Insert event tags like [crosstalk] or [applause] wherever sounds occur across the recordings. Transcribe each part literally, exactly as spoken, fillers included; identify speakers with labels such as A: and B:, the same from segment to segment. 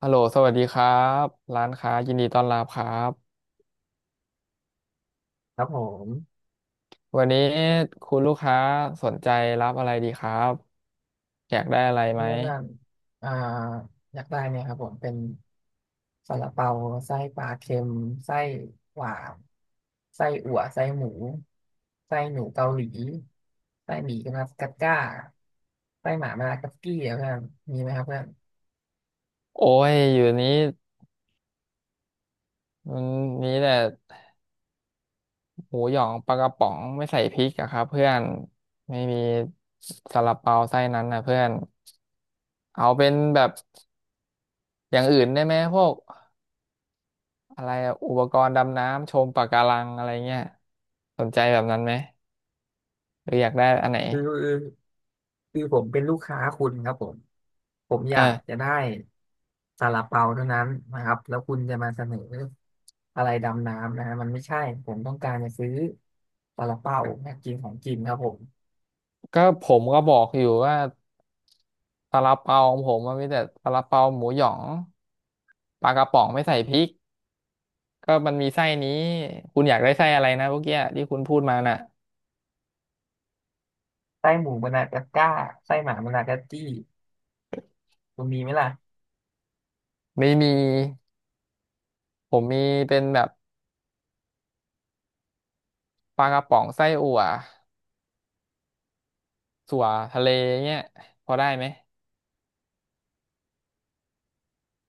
A: ฮัลโหลสวัสดีครับร้านค้ายินดีต้อนรับครับ
B: ครับผม
A: วันนี้คุณลูกค้าสนใจรับอะไรดีครับอยากได้อะไร
B: เนี่
A: ไหม
B: ยเพื่อนอ่าอยากได้เนี่ยครับผมเป็นซาลาเปาไส้ปลาเค็มไส้หวานไส้อั่วไส้หมูไส้หนูเกาหลีไส้หมี่กััสกัดก้าไส้หมามากัสกี้อะเพื่อนมีไหมครับเพื่อน
A: โอ้ยอยู่นี้มันมีแต่หมูหยองปลากระป๋องไม่ใส่พริกอะครับเพื่อนไม่มีซาลาเปาไส้นั้นนะเพื่อนเอาเป็นแบบอย่างอื่นได้ไหมพวกอะไรอะอุปกรณ์ดำน้ำชมปะการังอะไรเงี้ยสนใจแบบนั้นไหมหรืออยากได้อันไหน
B: คือคือผมเป็นลูกค้าคุณครับผมผมอ
A: เอ
B: ยาก
A: อ
B: จะได้ซาลาเปาเท่านั้นนะครับแล้วคุณจะมาเสนออะไรดำน้ำนะฮะมันไม่ใช่ผมต้องการจะซื้อซาลาเปาอยากกินของกินครับผม
A: ก็ผมก็บอกอยู่ว่าซาลาเปาของผมมันมีแต่ซาลาเปาหมูหยองปลากระป๋องไม่ใส่พริกก็มันมีไส้นี้คุณอยากได้ไส้อะไรนะเมื่อกี้ที่คุณพูดมาน่ะ
B: ไส้หมูมะนากาก้าไส้หมามะนากาจี้คุณมีไหมล่ะ
A: ไม่มีผมมีเป็นแบบปลากระป๋องไส้อั่วสั่วทะเลเงี้ยพอได้ไหม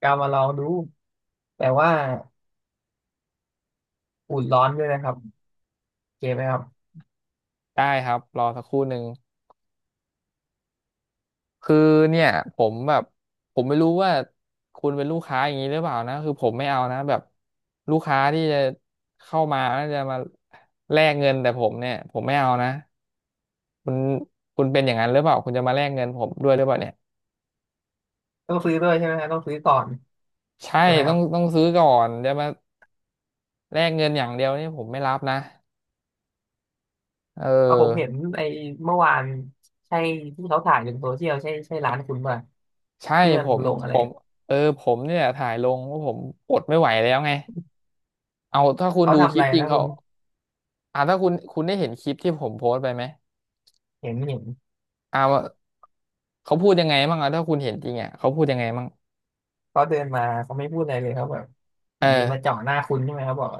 B: กามาลองดูแต่ว่าอุ่นร้อนด้วยนะครับโอเคไหมครับ
A: ได้ครับรอสักครู่หนึ่ง คือเนี่ยผมแบบผมไม่รู้ว่าคุณเป็นลูกค้าอย่างนี้หรือเปล่านะคือผมไม่เอานะแบบลูกค้าที่จะเข้ามาแล้วจะมาแลกเงินแต่ผมเนี่ยผมไม่เอานะคุณคุณเป็นอย่างนั้นหรือเปล่าคุณจะมาแลกเงินผมด้วยหรือเปล่าเนี่ย
B: ต้องซื้อด้วยใช่ไหมฮะต้องซื้อก่อน
A: ใช่
B: ใช่ไหมค
A: ต้อ
B: รั
A: ง
B: บ
A: ต้องซื้อก่อนจะมาแลกเงินอย่างเดียวนี่ผมไม่รับนะเออ
B: เอาผมเห็นไอ้เมื่อวานใช่ที่เขาถ่ายลงโซเชียลใช่ใช่ร้านคุณป่ะ
A: ใช่
B: ที่มั
A: ผ
B: น
A: ม
B: ลงอะ
A: ผ
B: ไร
A: มเออผมเนี่ยถ่ายลงว่าผมอดไม่ไหวแล้วไงเอาถ้าคุณ
B: เขา
A: ดู
B: ทำ
A: ค
B: อะ
A: ลิ
B: ไร
A: ปจริง
B: นะคุ
A: เขา
B: ณ
A: อ่าถ้าคุณคุณได้เห็นคลิปที่ผมโพสต์ไปไหม
B: เห็นเห็น
A: เอา เขาพูดยังไงบ้างอะถ้าคุณเห็นจริงอะเขาพูดยังไงบ้าง
B: เขาเดินมาเขาไม่พูดอะไรเลยเขาแบบอ
A: เอ
B: ยู่ดีมา
A: อ
B: เจาะหน้าคุณใช่ไหมเขาบอก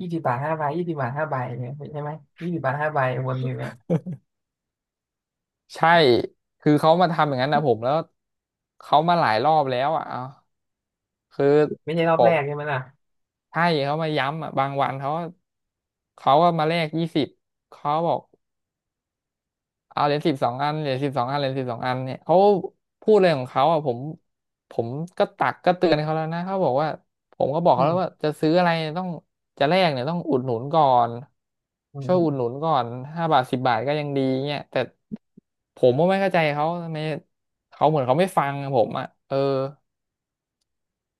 B: ยี่สิบบาทห้าใบยี่สิบบาทห้าใบเนี่ยใช่ไหมยี่สิบบาทห้าใบวนอยู่เนี่ย
A: ใช่คือเขามาทำอย่างนั้นนะผมแล้วเขามาหลายรอบแล้วอะเอาคือ
B: ไม่ใช่ร
A: ผ
B: อบแร
A: ม
B: กใช่ไหมล่ะ
A: ใช่เขามาย้ำอะบางวันเขาเขาก็มาแลกยี่สิบเขาบอก เอาเหรียญสิบสองอันเหรียญสิบสองอันเหรียญสิบสองอันเนี่ยเขาพูดอะไรของเขาอ่ะผมผมก็ตักก็เตือนเขาแล้วนะเขาบอกว่าผมก็บอก
B: อื
A: เขาแล้
B: ม
A: วว่าจะซื้ออะไรต้องจะแลกเนี่ยต้องอุดหนุนก่อน
B: อื
A: ช่วยอุดหนุ
B: ม
A: นก่อนห้าบาทสิบบาทก็ยังดีเนี่ยแต่ผมก็ไม่เข้าใจเขาทำไมเขาเหมือนเขาไม่ฟังผมอ่ะเออ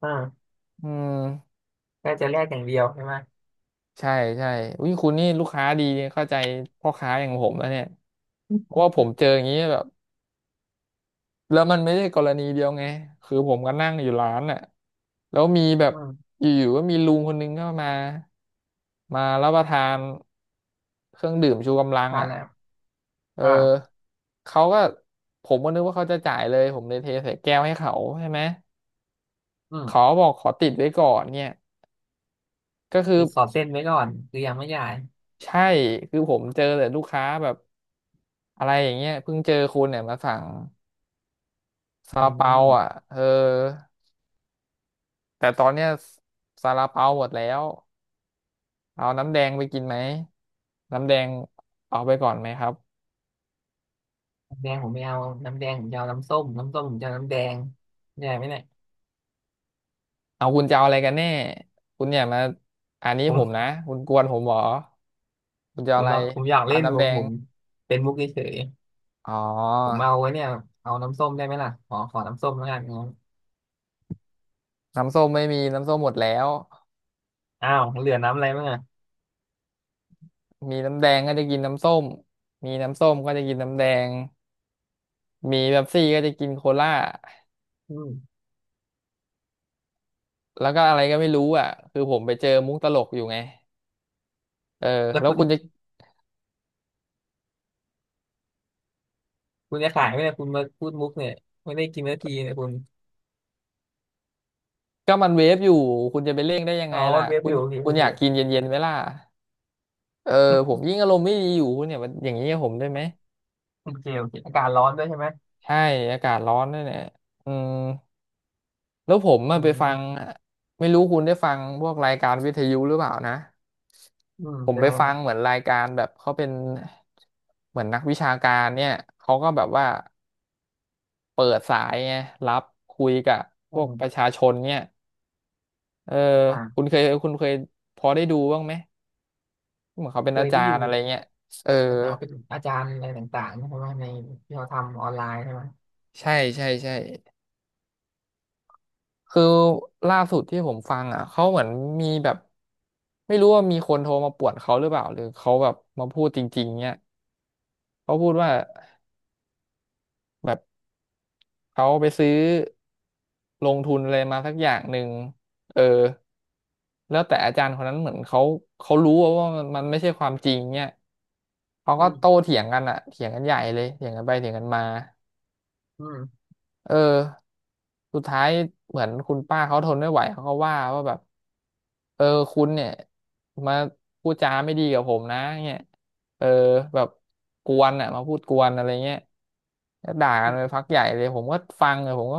B: อ่า
A: อืม
B: ก็จะแลกอย่างเดียวใช่ไหม
A: ใช่ใช่อุ้ยคุณนี่ลูกค้าดีเข้าใจพ่อค้าอย่างผมแล้วเนี่ย
B: อื
A: เพราะ
B: ม
A: ว่าผมเจออย่างนี้แบบ แล้วมันไม่ใช่กรณีเดียวไง คือผมก็นั่งอยู่ร้านน่ะแล้วมีแบบ
B: อืม
A: อยู่ๆก็มีลุงคนนึงเข้ามา มารับประทานเครื่องดื่มชูกำลัง
B: ทาน
A: อ่ะ
B: แล้ว
A: เ
B: อ่า
A: ออเขาก็ผมก็นึกว่าเขาจะจ่ายเลยผมเลยเทใส่แก้วให้เขาใช่ไหม
B: อื
A: เขา
B: ม
A: บอกขอติดไว้ก่อนเนี่ยก็คือ
B: คือขอเส้นไว้ก่อนคือยังไม่จ่าย
A: ใช่คือผมเจอแต่ลูกค้าแบบอะไรอย่างเงี้ยเพิ่งเจอคุณเนี่ยมาสั่งซา
B: อื
A: ลาเปาอ่ะ
B: ม
A: เออแต่ตอนเนี้ยซาลาเปาหมดแล้ว เอาน้ำแดงไปกินไหมน้ำแดงเอาไปก่อนไหมครับ
B: แดงผมไม่เอาน้ำแดงผมจะเอาน้ำส้มน้ำส้มผมจะเอาน้ำแดงได้ไหมเนี่ย
A: เอาคุณจะเอาอะไรกันแน่คุณเนี่ยมาอันนี้
B: ผ
A: ผม
B: ม
A: นะคุณกวนผมเหรอคุณจะ
B: ผ
A: เอา
B: ม
A: อะไร
B: อยากผมอยาก
A: เอา
B: เล่นว
A: น้ำแด
B: งผ
A: ง
B: มเป็นมุกเฉย
A: อ๋อ
B: ๆผมเอาไว้เนี่ยเอาน้ำส้มได้ไหมล่ะขอขอน้ำส้มแล้วกันงั้น
A: น้ำส้มไม่มีน้ำส้มหมดแล้ว
B: อ้าวเหลือน้ำอะไรบ้างอ่ะ
A: มีน้ำแดงก็จะกินน้ำส้มมีน้ำส้มก็จะกินน้ำแดง มีเป๊ปซี่ก็จะกินโคลา
B: อืม
A: แล้วก็อะไรก็ไม่รู้อ่ะคือผมไปเจอมุกตลกอยู่ไงเออ
B: แล้ว
A: แล้ว
B: คุณ
A: คุณจะ
B: คุณจะขายไหมเนี่ยคุณมาพูดมุกเนี่ยไม่ได้กินนาทีเนี่ยคุณ
A: ก็มันเวฟอยู่ คุณจะไปเร่งได้ยัง
B: อ๋
A: ไง
B: อ
A: ล่ะ
B: มันเว็บ
A: คุ
B: อ
A: ณ
B: ยู่โอเค
A: คุ
B: โอ
A: ณอ
B: เค
A: ยากกินเย็นๆไหมล่ะ เออผมยิ่งอารมณ์ไม่ดีอยู่เนี่ยมันอย่างนี้กับผมได้ไหม
B: โอเคโอเคอากาศร้อนด้วยใช่ไหม
A: ใช่อากาศร้อนด้วยเนี่ยอืมแล้วผมมา
B: อื
A: ไปฟัง
B: ม
A: ไม่รู้คุณได้ฟังพวกรายการวิทยุหรือเปล่านะ
B: อืม
A: ผม
B: เป็น
A: ไป
B: ไงค
A: ฟั
B: รั
A: ง
B: บ
A: เหมือนรายการแบบเขาเป็นเหมือนนักวิชาการเนี่ยเขาก็แบบว่าเปิดสายไงรับคุยกับพ
B: อื
A: วกประ
B: ม
A: ชาชนเนี่ยเออคุ
B: อ่า
A: ณเคยคุณเคยพอได้ดูบ้างไหมเหมือนเขาเป็น
B: เค
A: อา
B: ย
A: จา
B: ที่อ
A: ร
B: ยู่
A: ย์อะไรเงี้ยเออ
B: เอาเป็นอาจารย์อะไรต่างๆใช่ไหมในที่เขาทำออนไลน์ใช่ไหม
A: ใช่ใช่ใช่ คือล่าสุดที่ผมฟังอ่ะเขาเหมือนมีแบบไม่รู้ว่ามีคนโทรมาป่วนเขาหรือเปล่าหรือเขาแบบมาพูดจริงๆเนี่ยเขาพูดว่าแบบเขาไปซื้อลงทุนอะไรมาสักอย่างหนึ่งเออแล้วแต่อาจารย์คนนั้นเหมือนเขาเขารู้ว่ามันมันไม่ใช่ความจริงเนี่ยเขา
B: อื
A: ก็โต้
B: ม
A: เถียงกันอ่ะเถียงกันใหญ่เลยเถียงกันไปเถียงกันมา
B: อ
A: เออสุดท้ายเหมือนคุณป้าเขาทนไม่ไหวเขาก็ว่าว่าแบบ เออคุณเนี่ยมาพูดจาไม่ดีกับผมนะเงี้ยเออแบบกวนอ่ะมาพูดกวนอะไรเงี้ยแล้วด่ากั
B: ื
A: นไปพั
B: ม
A: กใหญ่เลยผมก็ฟังเลยผมก็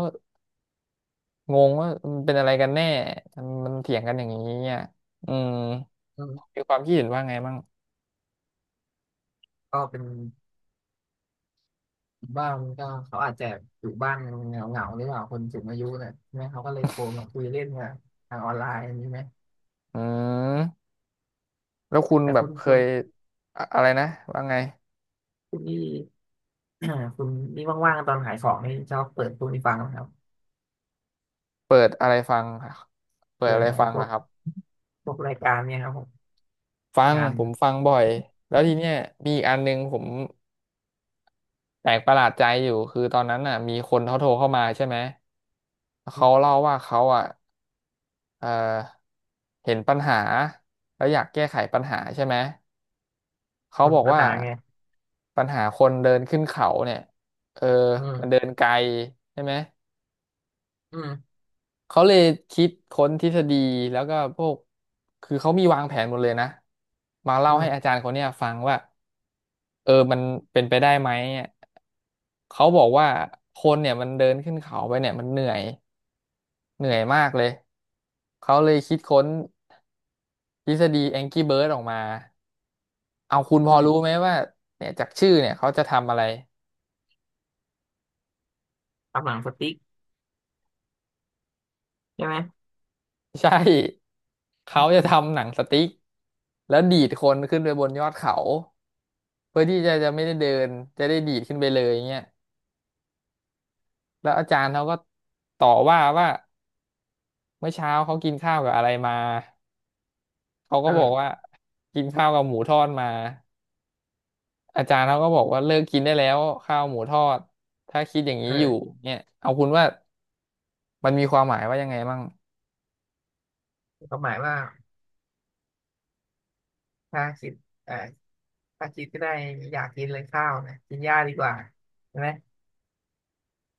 A: งงว่ามันเป็นอะไรกันแน่ทำไมันมันเถียงกันอย่างนี้เนี่ยอืม
B: ก็
A: มีความคิดเห็นว่าไงบ้าง
B: ก็เป็นบ้างก็เขาอาจจะอยู่บ้านเหงาเหงารือเปล่าคนสูงอายุเนี่ยใช่ไหมเขาก็เลยโทรมาคุยเล่นกันทางออนไลน์อย่างนี้ไหม
A: อืมแล้วคุณ
B: แต่
A: แบ
B: คุ
A: บ
B: ณ
A: เค
B: คุณ
A: ยอะอะไรนะว่าไง
B: คุณนี่ [clears throat] คุณนี่ว่างๆตอนขายของนี่ชอบเปิดพวกนี้ฟังไหมครับ
A: เปิดอะไรฟังค่ะเปิด
B: เปิ
A: อะ
B: ด
A: ไร
B: ใน
A: ฟัง
B: พว
A: ล่ะ
B: ก
A: ครับ
B: พวกรายการเนี่ยครับผม
A: ฟัง
B: การ
A: ผมฟังบ่อยแล้วทีเนี้ยมีอีกอันหนึงผม แปลกประหลาดใจอยู่คือตอนนั้นน่ะมีคนเขาโทรเข้ามาใช่ไหม
B: อื
A: เขาเล่าว่าเขาอ่ะเออเห็นปัญหาแล้วอยากแก้ไขปัญหาใช่ไหมเขา
B: ม
A: บอก
B: ภา
A: ว่า
B: ษาไง
A: ปัญหาคนเดินขึ้นเขาเนี่ยเออ
B: อื
A: มันเดิ
B: ม
A: นไกลใช่ไหม
B: อืม
A: เขาเลยคิดค้นทฤษฎีแล้วก็พวกคือเขามีวางแผนหมดเลยนะมา
B: อื
A: เล่าให้อา
B: ม
A: จารย์คนเนี้ยฟังว่าเออมันเป็นไปได้ไหม เขาบอกว่าคนเนี่ยมันเดินขึ้นเขาไปเนี่ยมันเหนื่อยเหนื่อยมากเลยเขาเลยคิดค้นทฤษฎีแองก n ้เบิร์ d ออกมาเอาคุณพ
B: อื
A: อรู้
B: ม
A: ไหมว่าเนี่ยจากชื่อเนี่ยเขาจะทำอะไร
B: ตำหนังสติ๊กใช่ไหม
A: [laughs] ใช่เขาจะทำหนังสติ๊กแล้วดีดคนขึ้นไปบนยอดเขาเพื่อที่จะจะไม่ได้เดินจะได้ดีดขึ้นไปเลยเงี้ยแล้วอาจารย์เขาก็ต่อว่าว่าเมื่อเช้าเขากินข้าวกับอะไรมาเขา
B: เอ
A: ก็บอกว่า
B: อ
A: กินข้าวกับหมูทอดมา อาจารย์เขาก็บอกว่าเลิกกินได้แล้วข้าวหมูทอดถ้าคิดอย่างนี้อยู่
B: เออ
A: เนี่ยเอาคุณว่ามันมีความหมายว่ายังไงบ้าง
B: ความหมายว่าถ้าคิดเออถ้าคิดก็ได้อยากกินเลยข้าวนะกินหญ้าดีกว่าใช่ไหม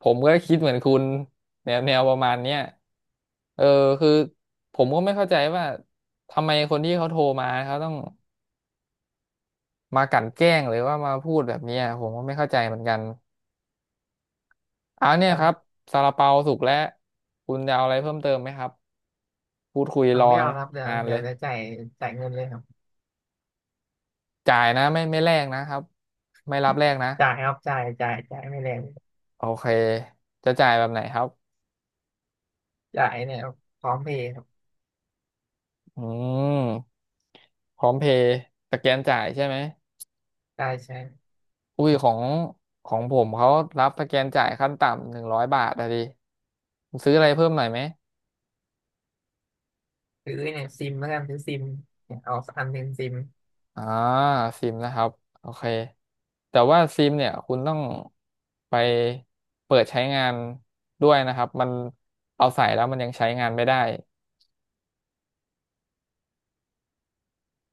A: ผมก็คิดเหมือนคุณแนวแนวประมาณเนี้ยเออคือผมก็ไม่เข้าใจว่าทำไมคนที่เขาโทรมาเขาต้องมากลั่นแกล้งหรือว่ามาพูดแบบเนี้ยผมก็ไม่เข้าใจเหมือนกันเอาเนี่ยครับซาลาเปาสุกแล้วคุณจะเอาอะไรเพิ่มเติมไหมครับพูดคุย
B: อ่า
A: รอ
B: ไม่เอาครับเดี๋ยว
A: นาน
B: เดี๋
A: เล
B: ยว
A: ย
B: เดี๋ยวจ่ายจ่ายเงินเลยครับ
A: จ่ายนะไม่ไม่แลกนะครับไม่รับแลกนะ
B: จ่ายครับจ่ายจ่ายจ่ายไม่แรง
A: โอเค จะจ่ายแบบไหนครับ
B: จ่ายเนี่ยพร้อมเพย์ครับ
A: อืม พร้อมเพย์สแกนจ่ายใช่ไหม
B: จ่ายใช้
A: อุ้ยของของผมเขารับสแกนจ่ายขั้นต่ำหนึ่งร้อยบาทอะดิคุณซื้ออะไรเพิ่มหน่อยไหม
B: ซื้อเนี่ยซิมแล้วกันซื้อซิมเนี่ยเอาอันหนึ่งซิม
A: อ่าซิมนะครับ โอเค แต่ว่าซิมเนี่ยคุณต้องไปเปิดใช้งานด้วยนะครับ มันเอาใส่แล้วมันยังใช้งานไม่ได้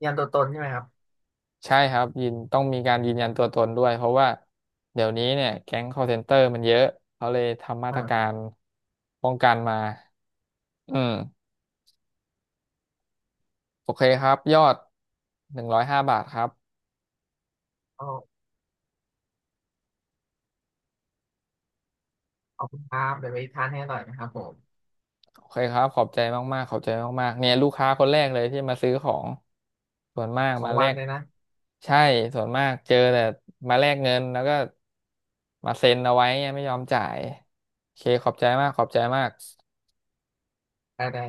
B: ยันตัวตนใช่ไหมครับ
A: ใช่ครับยืนต้องมีการยืนยันตัวตนด้วยเพราะว่าเดี๋ยวนี้เนี่ยแก๊ง คอลเซ็นเตอร์ มันเยอะเขาเลยทำมาตรกา
B: อ่า
A: รป้องกันมาอืมโอเคครับยอดหนึ่งร้อยห้าบาทครับ
B: เอาเอาคุณภาพเดี๋ยวไปทานให้อร่อยนะครับผม
A: โอเคครับขอบใจมากๆขอบใจมากๆเนี่ยลูกค้าคนแรกเลยที่มาซื้อของส่วนมาก
B: สอ
A: มา
B: ง
A: แล
B: วัน
A: ก
B: เลยนะ
A: ใช่ส่วนมากเจอแต่มาแลกเงินแล้วก็มาเซ็นเอาไว้เนี่ยไม่ยอมจ่ายโอเคขอบใจมากขอบใจมาก
B: ได้ได้